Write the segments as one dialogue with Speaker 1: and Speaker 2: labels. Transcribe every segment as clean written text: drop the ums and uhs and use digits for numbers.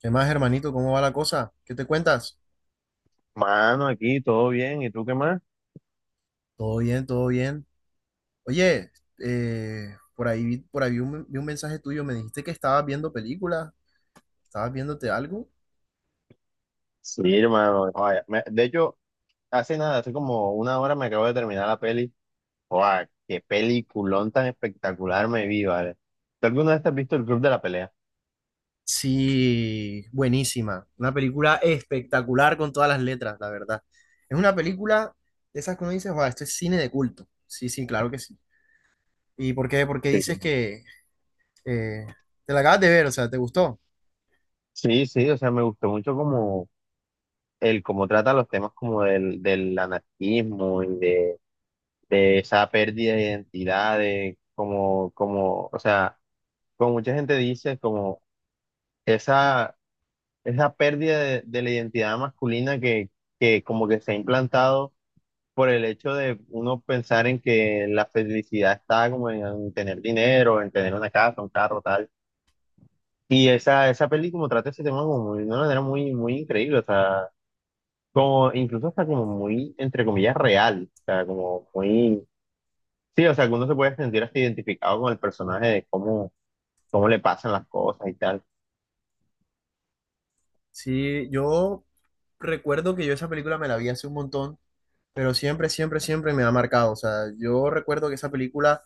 Speaker 1: ¿Qué más, hermanito? ¿Cómo va la cosa? ¿Qué te cuentas?
Speaker 2: Mano, aquí todo bien, ¿y tú qué más?
Speaker 1: Todo bien, todo bien. Oye, por ahí, por ahí vi vi un mensaje tuyo. Me dijiste que estabas viendo películas. ¿Estabas viéndote algo?
Speaker 2: Sí, hermano, vaya, de hecho, hace nada, hace como una hora me acabo de terminar la peli. ¡Guau! ¡Qué peliculón tan espectacular me vi, ¿vale?! ¿Tú alguna vez te has visto el Club de la Pelea?
Speaker 1: Sí, buenísima. Una película espectacular con todas las letras, la verdad. Es una película de esas que uno dice, wow, esto es cine de culto. Sí, sí, claro que sí. ¿Y por qué? ¿Por qué dices
Speaker 2: Sí.
Speaker 1: que eh, te la acabas de ver, o sea, ¿te gustó?
Speaker 2: Sí, sí, o sea, me gustó mucho como el cómo trata los temas como del anarquismo y de esa pérdida de identidad, de como, o sea, como mucha gente dice, como esa esa pérdida de la identidad masculina que como que se ha implantado por el hecho de uno pensar en que la felicidad está como en tener dinero, en tener una casa, un carro, tal. Y esa peli como trata ese tema como de una manera muy, muy increíble, o sea, como incluso hasta como muy, entre comillas, real, o sea, como muy. Sí, o sea, que uno se puede sentir hasta identificado con el personaje de cómo, cómo le pasan las cosas y tal.
Speaker 1: Sí, yo recuerdo que yo esa película me la vi hace un montón, pero siempre me ha marcado. O sea, yo recuerdo que esa película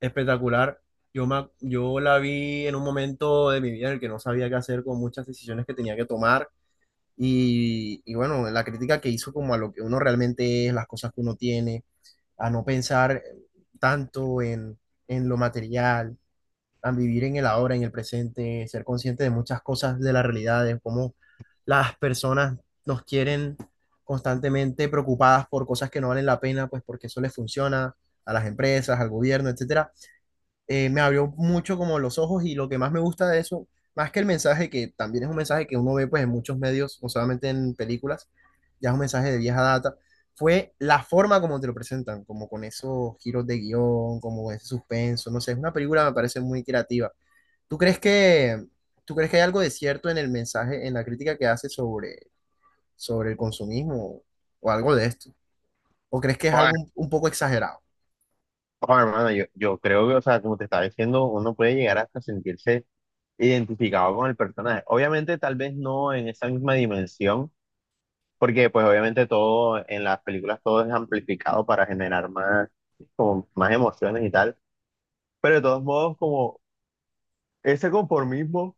Speaker 1: espectacular, yo la vi en un momento de mi vida en el que no sabía qué hacer con muchas decisiones que tenía que tomar. Y bueno, la crítica que hizo como a lo que uno realmente es, las cosas que uno tiene, a no pensar tanto en lo material, a vivir en el ahora, en el presente, ser consciente de muchas cosas de la realidad, de cómo las personas nos quieren constantemente preocupadas por cosas que no valen la pena, pues porque eso les funciona a las empresas, al gobierno, etcétera. Me abrió mucho como los ojos, y lo que más me gusta de eso, más que el mensaje, que también es un mensaje que uno ve pues en muchos medios, no solamente en películas, ya es un mensaje de vieja data, fue la forma como te lo presentan, como con esos giros de guión, como ese suspenso, no sé, es una película, me parece muy creativa. ¿Tú crees que, ¿Tú crees que hay algo de cierto en el mensaje, en la crítica que hace sobre, sobre el consumismo o algo de esto? ¿O crees que es
Speaker 2: Joder,
Speaker 1: algo un poco exagerado?
Speaker 2: oh, hermano, yo creo que, o sea, como te estaba diciendo, uno puede llegar hasta sentirse identificado con el personaje. Obviamente, tal vez no en esa misma dimensión, porque pues obviamente todo en las películas todo es amplificado para generar más, como, más emociones y tal, pero de todos modos como ese conformismo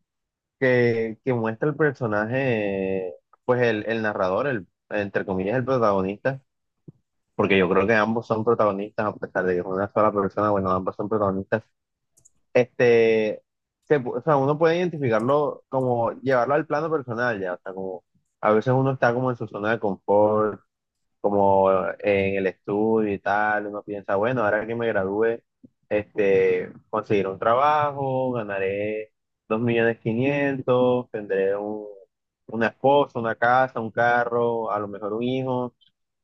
Speaker 2: que muestra el personaje, pues el narrador, el, entre comillas, el protagonista, porque yo creo que ambos son protagonistas, a pesar de que es una sola persona. Bueno, ambos son protagonistas este, o sea, uno puede identificarlo como llevarlo al plano personal, ya, o sea, como a veces uno está como en su zona de confort, como en el estudio y tal, uno piensa, bueno, ahora que me gradúe, este, conseguiré un trabajo, ganaré dos millones quinientos, tendré una esposa, una casa, un carro, a lo mejor un hijo,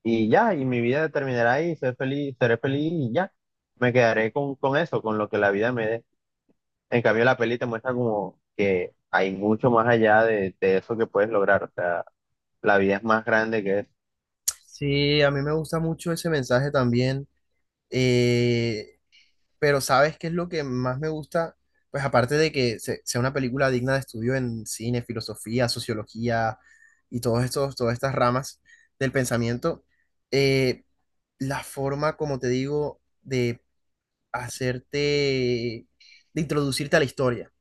Speaker 2: y ya, y mi vida terminará ahí, seré feliz y ya, me quedaré con eso, con lo que la vida me dé. En cambio, la peli te muestra como que hay mucho más allá de eso que puedes lograr. O sea, la vida es más grande que eso.
Speaker 1: Sí, a mí me gusta mucho ese mensaje también, eh, pero ¿sabes qué es lo que más me gusta? Pues aparte de que sea una película digna de estudio en cine, filosofía, sociología y todas estas ramas del pensamiento, eh, la forma, como te digo, de hacerte, de introducirte a la historia.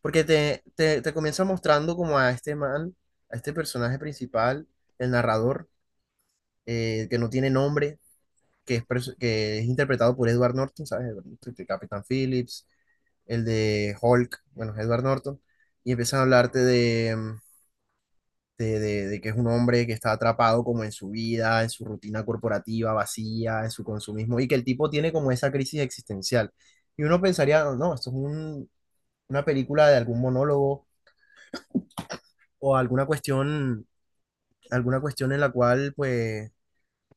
Speaker 1: Porque te comienza mostrando como a este man, a este personaje principal, el narrador, que no tiene nombre, que es interpretado por Edward Norton, ¿sabes? Edward Norton, el Capitán Phillips, el de Hulk, bueno, es Edward Norton, y empiezan a hablarte de, de que es un hombre que está atrapado como en su vida, en su rutina corporativa vacía, en su consumismo, y que el tipo tiene como esa crisis existencial. Y uno pensaría, no, no, esto es una película de algún monólogo o alguna cuestión en la cual pues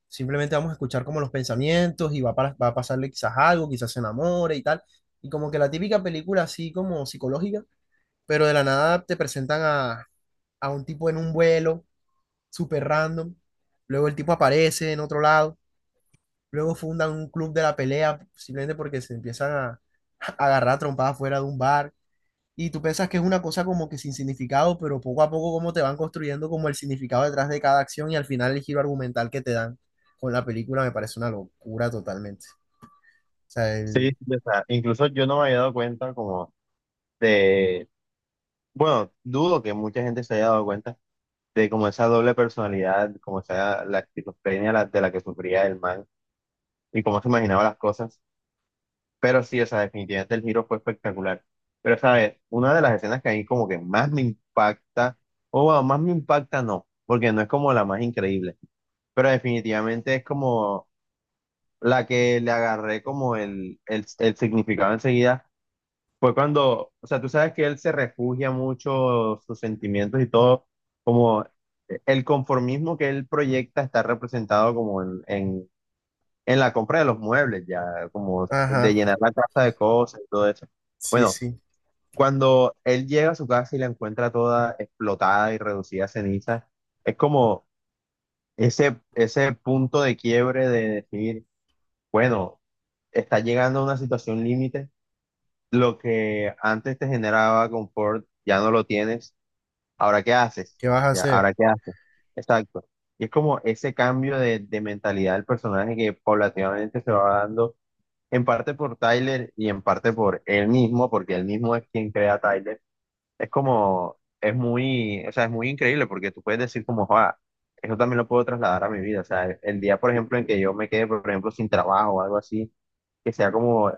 Speaker 1: simplemente vamos a escuchar como los pensamientos y va, va a pasarle quizás algo, quizás se enamore y tal. Y como que la típica película así como psicológica, pero de la nada te presentan a un tipo en un vuelo súper random. Luego el tipo aparece en otro lado. Luego fundan un club de la pelea simplemente porque se empiezan a agarrar trompadas fuera de un bar. Y tú piensas que es una cosa como que sin significado, pero poco a poco como te van construyendo como el significado detrás de cada acción, y al final el giro argumental que te dan con la película me parece una locura totalmente. O sea,
Speaker 2: Sí,
Speaker 1: el...
Speaker 2: o sea, incluso yo no me había dado cuenta como de, bueno, dudo que mucha gente se haya dado cuenta de como esa doble personalidad, como esa la esquizofrenia de la que sufría el man y cómo se imaginaba las cosas. Pero sí, o sea, definitivamente el giro fue espectacular. Pero, ¿sabes? Una de las escenas que a mí como que más me impacta, o bueno, más me impacta no, porque no es como la más increíble, pero definitivamente es como la que le agarré como el significado enseguida. Fue cuando, o sea, tú sabes que él se refugia mucho sus sentimientos y todo, como el conformismo que él proyecta está representado como en la compra de los muebles, ya, como de
Speaker 1: Ajá,
Speaker 2: llenar la casa de cosas y todo eso.
Speaker 1: sí,
Speaker 2: Bueno,
Speaker 1: sí.
Speaker 2: cuando él llega a su casa y la encuentra toda explotada y reducida a cenizas, es como ese punto de quiebre de decir: bueno, está llegando a una situación límite. Lo que antes te generaba confort, ya no lo tienes. Ahora, ¿qué haces?
Speaker 1: ¿Qué vas a
Speaker 2: Ya,
Speaker 1: hacer?
Speaker 2: ¿ahora qué haces? Exacto. Y es como ese cambio de mentalidad del personaje que paulatinamente se va dando, en parte por Tyler y en parte por él mismo, porque él mismo es quien crea a Tyler. Es como, es muy, o sea, es muy increíble porque tú puedes decir como: "Joa, eso también lo puedo trasladar a mi vida. O sea, el día, por ejemplo, en que yo me quede, por ejemplo, sin trabajo o algo así que sea como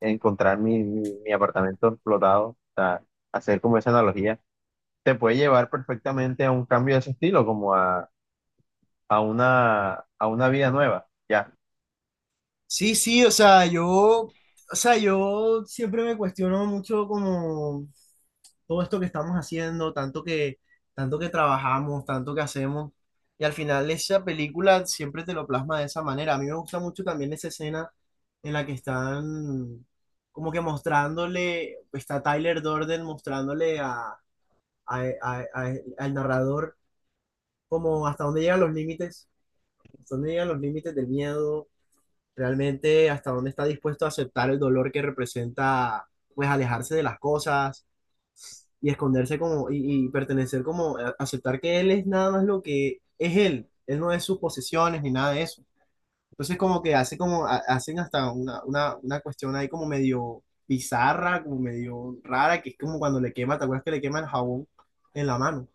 Speaker 2: encontrar mi apartamento explotado, o sea, hacer como esa analogía, te puede llevar perfectamente a un cambio de ese estilo, como a una vida nueva, ¿ya?"
Speaker 1: Sí, sí, o sea, yo siempre me cuestiono mucho como todo esto que estamos haciendo, tanto que trabajamos, tanto que hacemos, y al final esa película siempre te lo plasma de esa manera. A mí me gusta mucho también esa escena en la que están como que mostrándole, está Tyler Durden mostrándole a, a- a- a- al narrador, como hasta dónde llegan los límites, hasta dónde llegan los límites del miedo, realmente hasta dónde está dispuesto a aceptar el dolor que representa pues alejarse de las cosas y esconderse como, y pertenecer como, aceptar que él es nada más lo que es él, él no es sus posesiones ni nada de eso. Entonces como que hace como, hacen hasta una cuestión ahí como medio bizarra, como medio rara, que es como cuando le quema, ¿te acuerdas que le quema el jabón en la mano?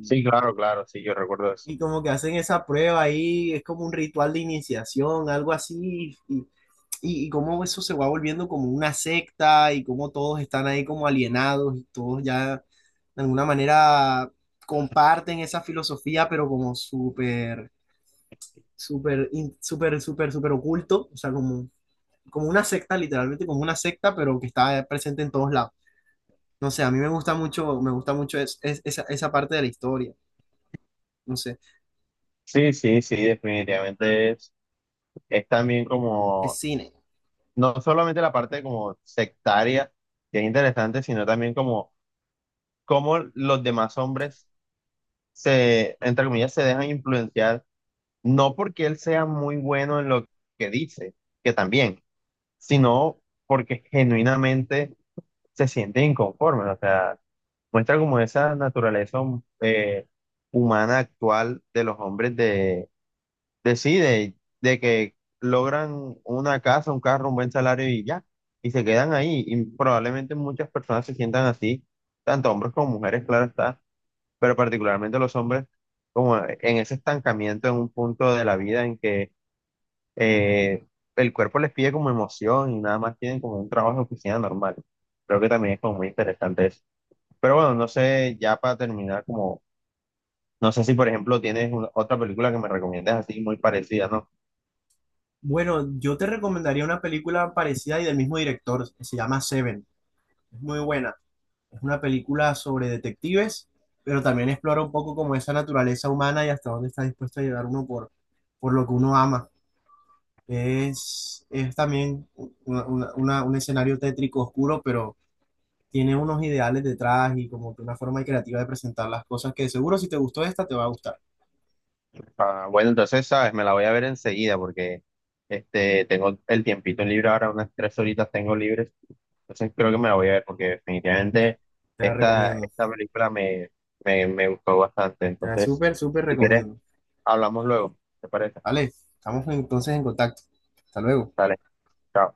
Speaker 2: Sí, claro, claro, sí, yo recuerdo eso.
Speaker 1: Y como que hacen esa prueba ahí, es como un ritual de iniciación, algo así, y cómo eso se va volviendo como una secta y cómo todos están ahí como alienados y todos ya de alguna manera comparten esa filosofía, pero como súper, súper, súper oculto, o sea, como, como una secta, literalmente como una secta, pero que está presente en todos lados. No sé, a mí me gusta mucho esa, esa parte de la historia, no sé,
Speaker 2: Sí, sí, sí, definitivamente es también
Speaker 1: el
Speaker 2: como,
Speaker 1: cine.
Speaker 2: no solamente la parte como sectaria, que es interesante, sino también como cómo los demás hombres se, entre comillas, se dejan influenciar. No porque él sea muy bueno en lo que dice, que también, sino porque genuinamente se siente inconforme, o sea, muestra como esa naturaleza humana actual de los hombres de sí, de que logran una casa, un carro, un buen salario y ya, y se quedan ahí, y probablemente muchas personas se sientan así, tanto hombres como mujeres, claro está, pero particularmente los hombres, como en ese estancamiento en un punto de la vida en que eh, el cuerpo les pide como emoción y nada más tienen como un trabajo de oficina normal. Creo que también es como muy interesante eso. Pero bueno, no sé, ya para terminar, como, no sé si por ejemplo tienes otra película que me recomiendes así muy parecida, ¿no?
Speaker 1: Bueno, yo te recomendaría una película parecida y del mismo director, se llama Seven. Es muy buena. Es una película sobre detectives, pero también explora un poco como esa naturaleza humana y hasta dónde está dispuesto a llegar uno por lo que uno ama. Es también un escenario tétrico oscuro, pero tiene unos ideales detrás y como que una forma creativa de presentar las cosas que seguro si te gustó esta te va a gustar.
Speaker 2: Ah, bueno, entonces, sabes, me la voy a ver enseguida porque este, tengo el tiempito libre ahora, unas tres horitas tengo libres. Entonces creo que me la voy a ver porque definitivamente
Speaker 1: Te la
Speaker 2: esta,
Speaker 1: recomiendo.
Speaker 2: esta película me gustó bastante.
Speaker 1: Te la
Speaker 2: Entonces,
Speaker 1: súper, súper
Speaker 2: si quieres,
Speaker 1: recomiendo.
Speaker 2: hablamos luego. ¿Te parece?
Speaker 1: Vale, estamos entonces en contacto. Hasta luego.
Speaker 2: Dale, chao.